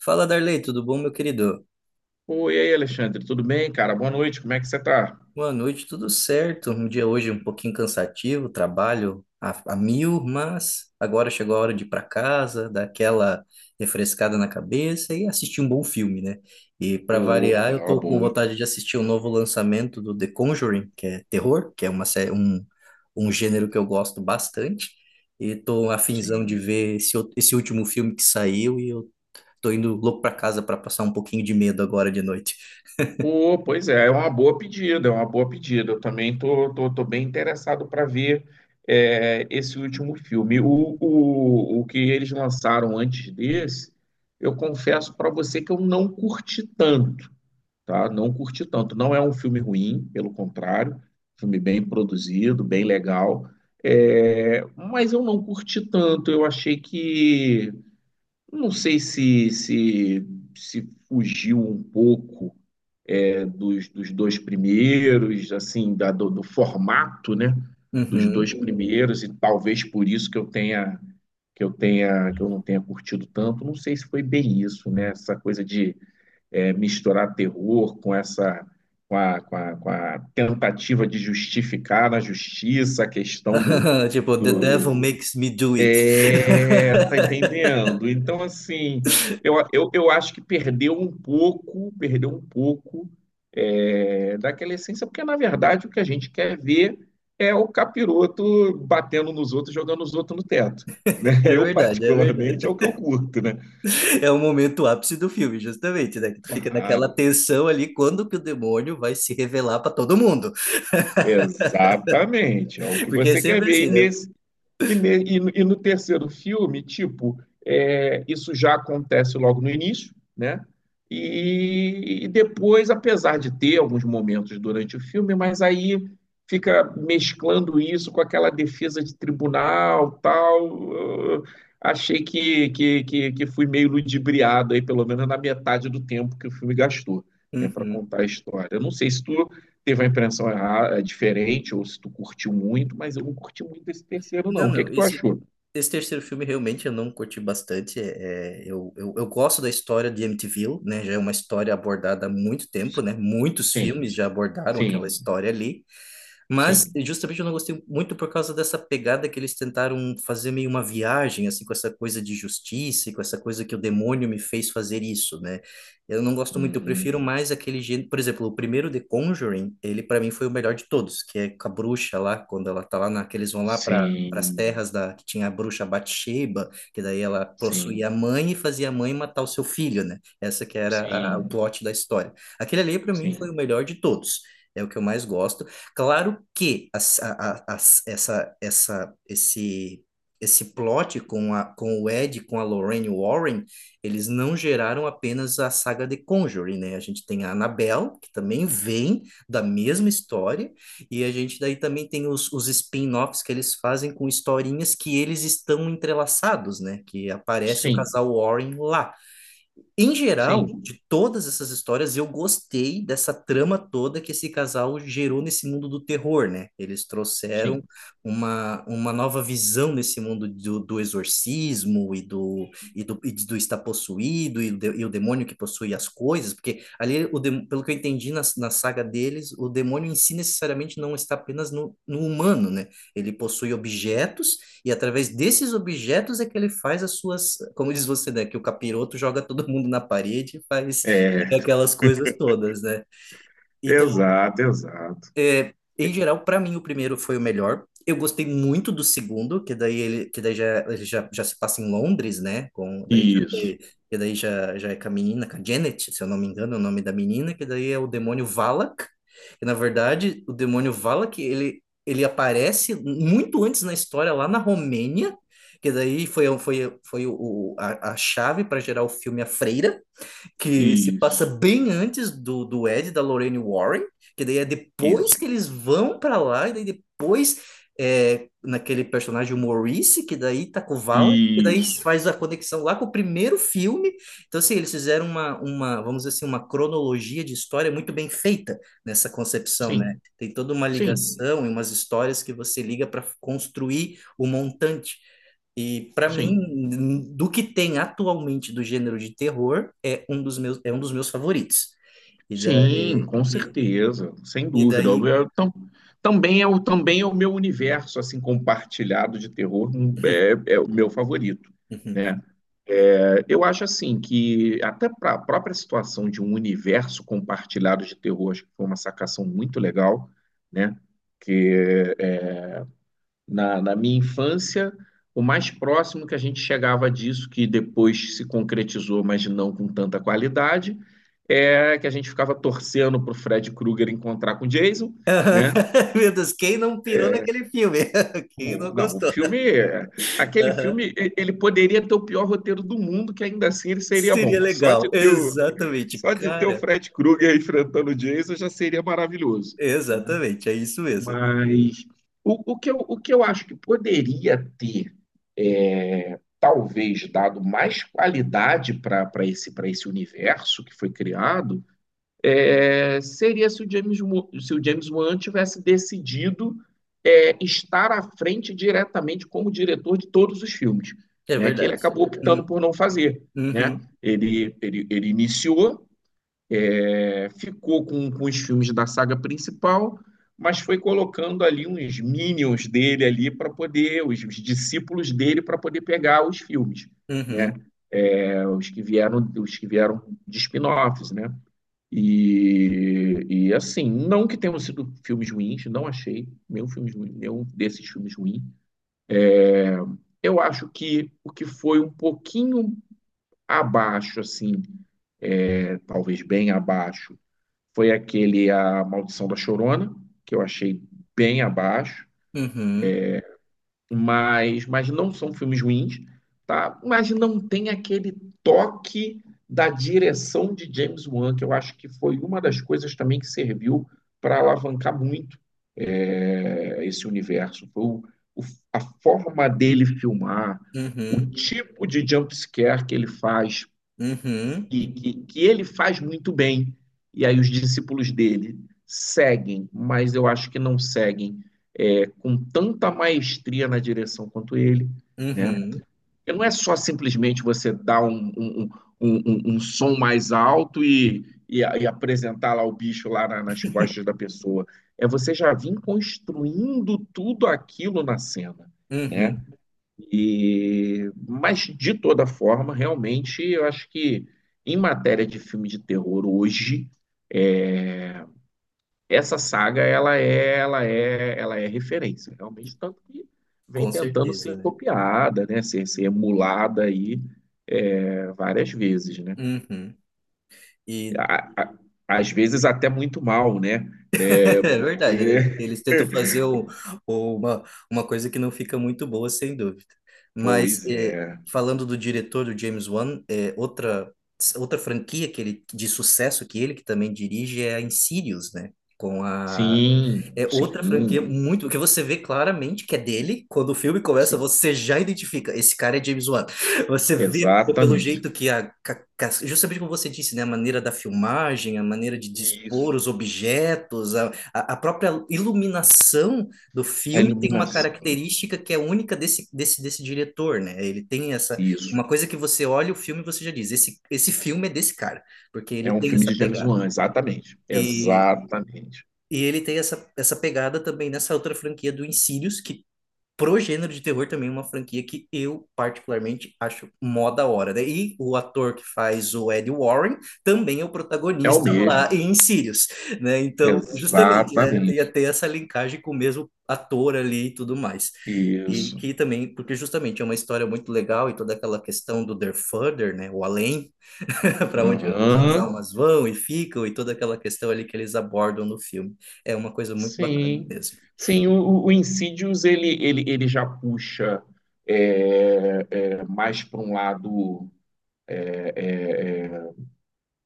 Fala, Darley, tudo bom, meu querido? Oi, e aí, Alexandre, tudo bem, cara? Boa noite, como é que você tá? Boa noite, tudo certo. Um dia hoje um pouquinho cansativo, trabalho a mil, mas agora chegou a hora de ir para casa, dar aquela refrescada na cabeça e assistir um bom filme, né? E para variar, Opa, eu uma tô com boa, vontade de assistir o novo lançamento do The Conjuring, que é terror, que é um gênero que eu gosto bastante. E tô afinzão de sim. ver esse último filme que saiu e eu tô indo louco para casa para passar um pouquinho de medo agora de noite. Pô, pois é, é uma boa pedida, é uma boa pedida. Eu também tô bem interessado para ver esse último filme. O que eles lançaram antes desse, eu confesso para você que eu não curti tanto, tá? Não curti tanto. Não é um filme ruim, pelo contrário, filme bem produzido, bem legal. É, mas eu não curti tanto, eu achei que. Não sei se fugiu um pouco dos dois primeiros, assim, do formato, né? Dos Uhum. dois primeiros, e talvez por isso que eu tenha que eu tenha que eu não tenha curtido tanto. Não sei se foi bem isso, né? Essa coisa de misturar terror com essa com a tentativa de justificar na justiça a questão do, Tipo, the do, devil do, makes me do it. Tá entendendo? Então, assim, eu acho que perdeu um pouco daquela essência, porque na verdade o que a gente quer ver é o capiroto batendo nos outros, jogando os outros no teto, né? É Eu, verdade, é verdade. particularmente, é o que eu curto, né? É o momento ápice do filme, justamente, né? Que tu fica naquela Claro, tensão ali quando que o demônio vai se revelar pra todo mundo. exatamente, é o que Porque é você quer sempre ver. E assim, né? nesse. E no terceiro filme, tipo, isso já acontece logo no início, né? E depois, apesar de ter alguns momentos durante o filme, mas aí fica mesclando isso com aquela defesa de tribunal, tal. Eu achei que fui meio ludibriado aí, pelo menos na metade do tempo que o filme gastou, né, para Uhum. contar a história. Eu não sei se tu teve a impressão errada, é diferente, ou se tu curtiu muito, mas eu não curti muito esse terceiro, não. Não, O que é não, que tu esse, achou? esse terceiro filme realmente eu não curti bastante. Eu gosto da história de Amityville, né? Já é uma história abordada há muito tempo, né? Muitos Sim, filmes já abordaram aquela sim, história ali. Mas sim. justamente eu não gostei muito por causa dessa pegada que eles tentaram fazer meio uma viagem, assim, com essa coisa de justiça, e com essa coisa que o demônio me fez fazer isso, né? Eu não gosto muito, eu prefiro Uhum. mais aquele gênero. Por exemplo, o primeiro The Conjuring, ele para mim foi o melhor de todos, que é com a bruxa lá, quando ela tá lá na, que eles vão lá para as Sim, terras da que tinha a bruxa Bathsheba, que daí ela sim, possuía a mãe e fazia a mãe matar o seu filho, né? Essa que era o sim, plot da história. Aquele ali para mim foi sim, o melhor de todos. É o que eu mais gosto. Claro que a, essa, esse plot com o Ed, com a Lorraine Warren, eles não geraram apenas a saga de Conjuring, né? A gente tem a Annabelle, que também vem da mesma história, e a gente daí também tem os spin-offs que eles fazem com historinhas que eles estão entrelaçados, né? Que aparece o sim, casal Warren lá em geral, sim, de todas essas histórias, eu gostei dessa trama toda que esse casal gerou nesse mundo do terror, né? Eles sim. trouxeram uma nova visão nesse mundo do exorcismo e do estar possuído e o demônio que possui as coisas, porque ali, pelo que eu entendi na saga deles, o demônio em si necessariamente não está apenas no humano, né? Ele possui objetos e através desses objetos é que ele faz as suas, como diz você, né, que o capiroto joga todo mundo na parede e faz É, aquelas coisas todas, né? Então, exato, exato. Em geral, para mim, o primeiro foi o melhor. Eu gostei muito do segundo, que daí ele, que daí já, ele já, já se passa em Londres, né? Com, daí já, Isso, te- Que daí já é com a menina, com a Janet, se eu não me engano, é o nome da menina, que daí é o demônio Valak. E, na verdade, o demônio Valak, ele aparece muito antes na história, lá na Romênia, que daí foi a chave para gerar o filme A Freira que se passa isso, bem antes do Ed, da Lorraine Warren, que daí é depois isso, que eles vão para lá, e daí depois naquele personagem o Maurice, que daí tá com o Valak, que daí isso. faz a conexão lá com o primeiro filme. Então, assim, eles fizeram vamos dizer assim, uma cronologia de história muito bem feita nessa concepção, né? Sim, Tem toda uma sim, ligação e umas histórias que você liga para construir o montante. E para sim. mim, do que tem atualmente do gênero de terror, é um dos meus favoritos. E Sim, daí, com e, certeza, sem e dúvida. Daí... Eu- tam- também é o meu universo assim compartilhado de terror, é o meu favorito, Uhum. né? É, eu acho assim que até para a própria situação de um universo compartilhado de terror, acho que foi uma sacação muito legal, né? Que é, na minha infância, o mais próximo que a gente chegava disso, que depois se concretizou, mas não com tanta qualidade, é que a gente ficava torcendo para o Fred Krueger encontrar com o Jason, né? Meu Deus, quem não pirou É, naquele filme? Quem não Não, o gostou? filme, aquele Aham. filme, ele poderia ter o pior roteiro do mundo, que ainda assim ele seria Seria bom. Só de legal. ter o, Exatamente, só de ter o cara. Fred Krueger enfrentando o Jason já seria maravilhoso. Né? Exatamente, é isso mesmo. Mas o que eu acho que poderia ter, talvez, dado mais qualidade para esse universo que foi criado, seria se o James Wan tivesse decidido estar à frente diretamente como diretor de todos os filmes, É né? Que ele verdade. acabou Uhum, optando por não fazer, né? uhum, Ele iniciou, ficou com os filmes da saga principal, mas foi colocando ali uns minions dele ali para poder, os discípulos dele para poder pegar os filmes, né? uhum, É, os que vieram de spin-offs, né? E assim, não que tenham sido filmes ruins, não achei nenhum, filme, nenhum desses filmes ruim. É, eu acho que o que foi um pouquinho abaixo, assim, talvez bem abaixo, foi aquele A Maldição da Chorona, que eu achei bem abaixo, uhum, mas não são filmes ruins, tá? Mas não tem aquele toque da direção de James Wan, que eu acho que foi uma das coisas também que serviu para alavancar muito esse universo. Foi o- a forma dele filmar, o uhum, tipo de jump scare que ele faz uhum, que ele faz muito bem, e aí os discípulos dele seguem, mas eu acho que não seguem com tanta maestria na direção quanto ele. Né? uhum. Porque não é só simplesmente você dar um som mais alto e, apresentar lá o bicho lá nas costas da pessoa. É você já vir construindo tudo aquilo na cena. Né? Uhum, Mas de toda forma, realmente, eu acho que em matéria de filme de terror hoje, é, essa saga ela é, ela é referência, realmente, tanto que vem com tentando certeza, ser né? copiada, né, ser emulada aí várias vezes, né? Uhum. E A- a- às vezes até muito mal, né? É, É verdade, né? Eles porque, tentam fazer uma, uma coisa que não fica muito boa, sem dúvida. Mas, pois é, falando do diretor, do James Wan, outra franquia de sucesso que ele que também dirige é a Insidious, né? Com a sim, É outra sim, franquia muito. Que você vê claramente que é dele. Quando o filme começa, sim, você já identifica. Esse cara é James Wan. Você vê pelo exatamente. jeito que justamente como você disse, né? A maneira da filmagem, a maneira de dispor Isso. os objetos, a própria iluminação do A filme tem uma iluminação. característica que é única desse diretor, né? Ele tem essa. Isso. Uma coisa que você olha o filme e você já diz: esse filme é desse cara, porque ele É um tem filme essa de James pegada. Wan, exatamente. E Exatamente. e ele tem essa pegada também nessa outra franquia do Insidious, que pro gênero de terror também é uma franquia que eu particularmente acho mó da hora, né? E o ator que faz o Ed Warren também é o É o protagonista mesmo. lá em Insidious, né? Então, justamente, né? Tem Exatamente. até essa linkagem com o mesmo ator ali e tudo mais. E Isso. que também, porque justamente é uma história muito legal e toda aquela questão do The Further, né? O além, para onde as Aham. almas vão e ficam e toda aquela questão ali que eles abordam no filme. É uma coisa muito bacana Sim. mesmo. Sim, o Insidious ele já puxa mais para um lado,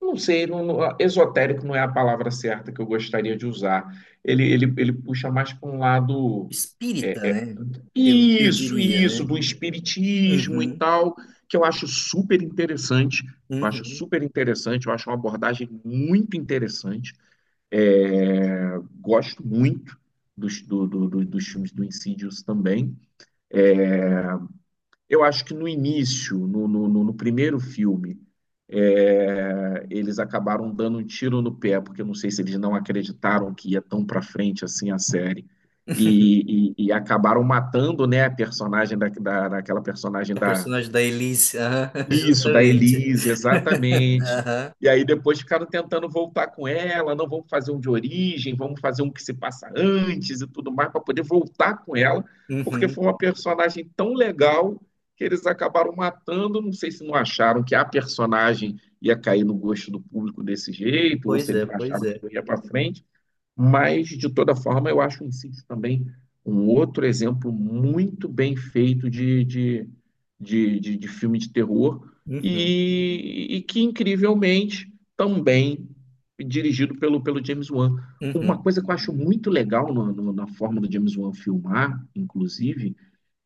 não sei, esotérico não é a palavra certa que eu gostaria de usar. Ele puxa mais para um lado, Espírita, é, né? Eu isso, diria, isso, né? do espiritismo e Uhum, tal, que eu acho super interessante. Eu acho uhum. super interessante, eu acho uma abordagem muito interessante. É, gosto muito dos filmes do Insidious também. Eu acho que no início, primeiro filme, eles acabaram dando um tiro no pé, porque eu não sei se eles não acreditaram que ia tão para frente assim a série. E acabaram matando, né, a personagem daquela A personagem da Elise, aham, Isso, da justamente. Elise, exatamente. Aham, E aí depois ficaram tentando voltar com ela, não vamos fazer um de origem, vamos fazer um que se passa antes e tudo mais, para poder voltar com ela, porque uhum. foi uma personagem tão legal que eles acabaram matando. Não sei se não acharam que a personagem ia cair no gosto do público desse jeito, ou se Pois é, eles não pois acharam que é. não ia para frente. Mas, de toda forma, eu acho o Incídios também um outro exemplo muito bem feito de filme de terror Uhum, e que, incrivelmente, também dirigido pelo James Wan. Uma uhum, coisa que eu acho muito legal na forma do James Wan filmar, inclusive,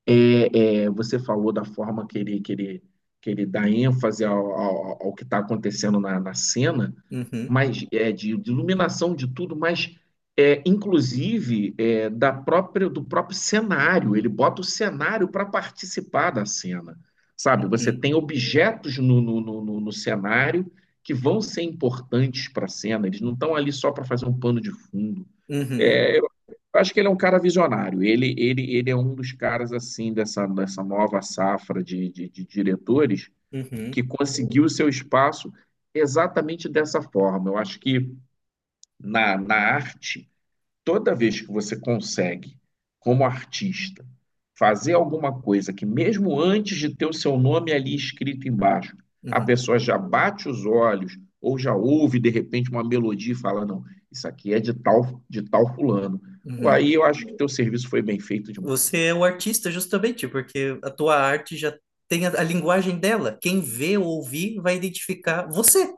você falou da forma que ele, que ele dá ênfase ao que está acontecendo na cena, uhum, mas é, de iluminação de tudo, mas inclusive é, da própria, do próprio cenário. Ele bota o cenário para participar da cena, sabe? Você uhum, tem objetos no cenário que vão ser importantes para a cena. Eles não estão ali só para fazer um pano de fundo. uhum, É, eu acho que ele é um cara visionário. Ele é um dos caras assim dessa, dessa nova safra de diretores que uhum, conseguiu o seu espaço exatamente dessa forma. Eu acho que na arte, toda vez que você consegue, como artista, fazer alguma coisa que, mesmo antes de ter o seu nome ali escrito embaixo, uhum, a uhum, pessoa já bate os olhos ou já ouve de repente uma melodia e fala: não, isso aqui é de tal fulano. Pô, uhum. aí eu acho que teu serviço foi bem feito demais. Você é o artista justamente, porque a tua arte já tem a linguagem dela. Quem vê ou ouvir vai identificar você.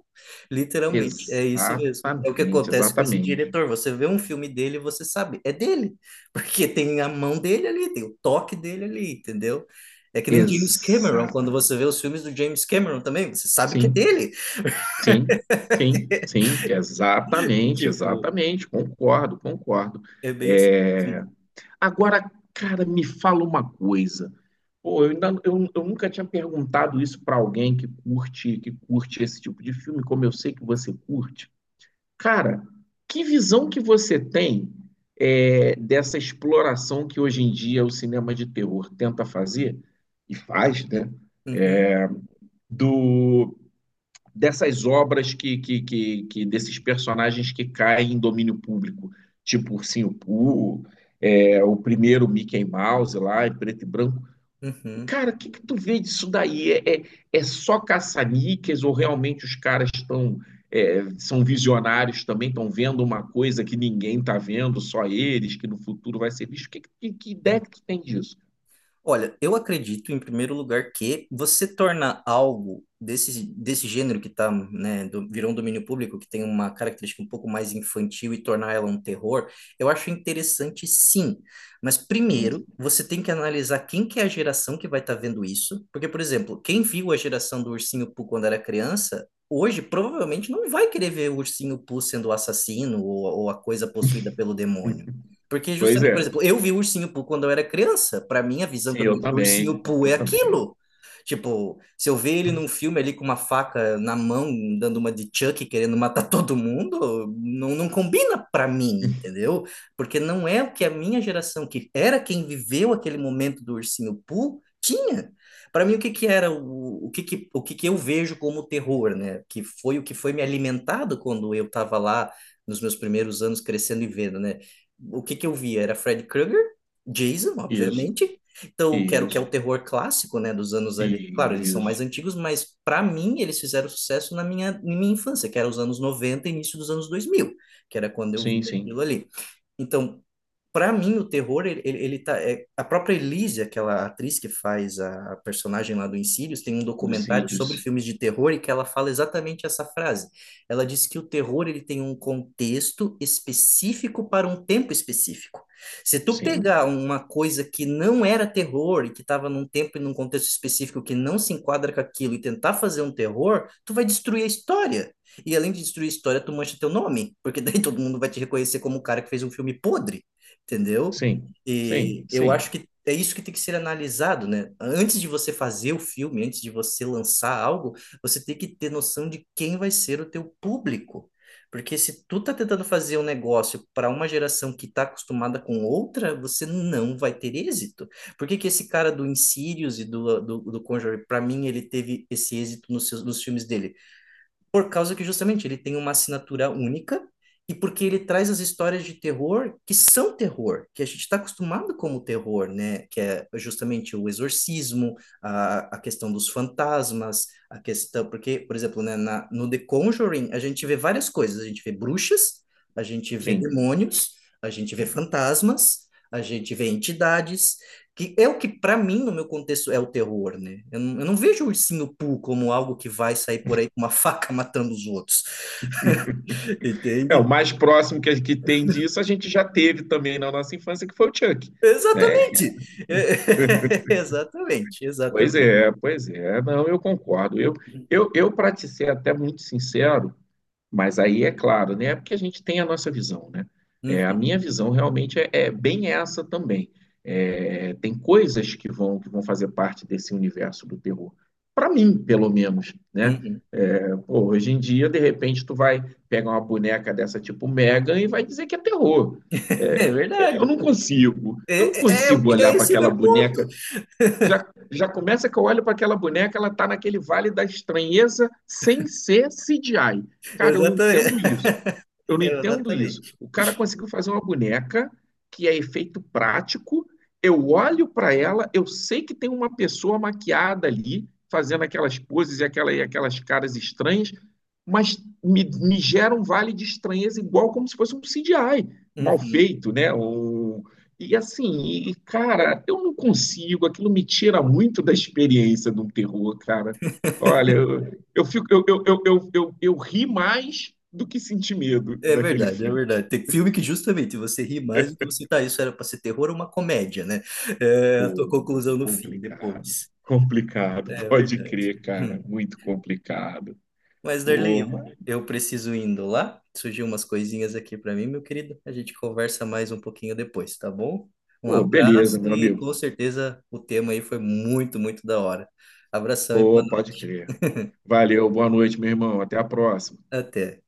Literalmente, é isso mesmo. É o que Exatamente, acontece com esse exatamente. diretor. Você vê um filme dele, e você sabe, é dele, porque tem a mão dele ali, tem o toque dele ali, entendeu? É que nem James Cameron, quando Exatamente. você vê os filmes do James Cameron também, você sabe que é Sim, dele. sim, sim, sim, E, exatamente, tipo, exatamente. Concordo, concordo. é bem assim. É, agora, cara, me fala uma coisa. Pô, eu nunca tinha perguntado isso pra alguém que curte esse tipo de filme, como eu sei que você curte. Cara, que visão que você tem dessa exploração que hoje em dia o cinema de terror tenta fazer e faz, né? Uhum, Do, dessas obras desses personagens que caem em domínio público, tipo Ursinho Pooh, o primeiro Mickey Mouse lá em preto e branco. uhum. Cara, o que que tu vê disso daí? É só caça-níqueis ou realmente os caras estão são visionários também, estão vendo uma coisa que ninguém está vendo, só eles, que no futuro vai ser visto? Que ideia Uhum. que tu tem disso? Olha, eu acredito, em primeiro lugar, que você torna algo desse gênero que tá, né, virou um domínio público, que tem uma característica um pouco mais infantil e tornar ela um terror, eu acho interessante sim. Mas primeiro, você tem que analisar quem que é a geração que vai estar vendo isso. Porque, por exemplo, quem viu a geração do Ursinho Pooh quando era criança, hoje provavelmente não vai querer ver o Ursinho Pooh sendo o assassino ou a coisa possuída pelo demônio. Porque Pois justamente, por é. exemplo, eu vi o Ursinho Pooh quando eu era criança. Para mim, a visão Sim, que eu eu tenho do também. Ursinho Pooh Eu é também. aquilo. Tipo, se eu ver ele num filme ali com uma faca na mão, dando uma de Chuck, querendo matar todo mundo, não, não combina para mim, entendeu? Porque não é o que a minha geração, que era quem viveu aquele momento do Ursinho Pooh, tinha. Para mim, o que que eu vejo como terror, né? Que foi o que foi me alimentado quando eu estava lá nos meus primeiros anos crescendo e vendo, né? O que que eu via? Era Fred Krueger, Jason, Isso, obviamente. Então, quero que é o isso, terror clássico, né, dos anos ali. Claro, eles são mais isso. antigos, mas para mim eles fizeram sucesso na minha infância, que era os anos 90, início dos anos 2000, que era quando eu Sim, via aquilo sim. ali. Então, para mim, o terror, a própria Elise, aquela atriz que faz a personagem lá do Insidious, tem um documentário sobre Lucídios. filmes de terror e que ela fala exatamente essa frase. Ela diz que o terror, ele tem um contexto específico para um tempo específico. Se tu Sim, sim, pegar uma coisa que não era terror e que estava num tempo e num contexto específico que não se enquadra com aquilo e tentar fazer um terror, tu vai destruir a história. E além de destruir a história, tu mancha teu nome, porque daí todo mundo vai te reconhecer como o cara que fez um filme podre, entendeu? sim, E eu acho sim, que é isso que tem que ser analisado, né? Antes de você fazer o filme, antes de você lançar algo, você tem que ter noção de quem vai ser o teu público. Porque se tu tá tentando fazer um negócio para uma geração que tá acostumada com outra, você não vai ter êxito. Por que que esse cara do Insidious e do Conjuring, para mim, ele teve esse êxito nos filmes dele? Por causa que justamente ele tem uma assinatura única e porque ele traz as histórias de terror que são terror, que a gente está acostumado como terror, né? Que é justamente o exorcismo, a questão dos fantasmas, a questão. Porque, por exemplo, né, no The Conjuring, a gente vê várias coisas. A gente vê bruxas, a gente vê sim, demônios, a gente vê sim. fantasmas, a gente vê entidades, que é o que para mim no meu contexto é o terror, né? Eu não vejo o Ursinho Pooh como algo que vai sair por aí com uma faca matando os outros, É, o entende? mais próximo que, que tem disso a gente já teve também na nossa infância, que foi o Chuck, né? Que é, Exatamente, exatamente, pois exatamente. é, pois é, não, eu concordo. Eu para te ser até muito sincero, mas aí é claro, né? Porque a gente tem a nossa visão, né? É, a Uhum, minha visão realmente é bem essa também. É, tem coisas que vão fazer parte desse universo do terror. Para mim, pelo menos, né? uhum. É, pô, hoje em dia, de repente, tu vai pegar uma boneca dessa tipo Megan e vai dizer que é terror. É, É verdade. Eu não É, é, é o consigo que- olhar é para esse o aquela meu ponto. boneca. Já começa que eu olho para aquela boneca, ela está naquele vale da estranheza sem ser CGI. Cara, eu não Exatamente. entendo isso. Eu não entendo isso. Exatamente. O cara conseguiu fazer uma boneca que é efeito prático. Eu olho para ela, eu sei que tem uma pessoa maquiada ali, fazendo aquelas poses e, aquela, e aquelas caras estranhas, mas me gera um vale de estranheza igual como se fosse um CGI mal Uhum. feito, né? Um, e assim, e, cara, eu não consigo, aquilo me tira muito da experiência de um terror, cara. Olha, eu, fico, eu ri mais do que senti medo É daquele verdade, é filme. verdade. Tem filme que justamente você ri mais do que você tá. Isso era para ser terror ou uma comédia, né? É a tua Pô, conclusão no fim, complicado. depois. Complicado, É pode verdade. crer, cara. Muito complicado. Mas, Darley, Pô, eu, mas- eu preciso indo lá. Surgiu umas coisinhas aqui para mim, meu querido. A gente conversa mais um pouquinho depois, tá bom? Um Pô, abraço beleza, meu e amigo. com certeza o tema aí foi muito, muito da hora. Abração e boa Pô, pode noite. crer. Valeu, boa noite, meu irmão. Até a próxima. Até.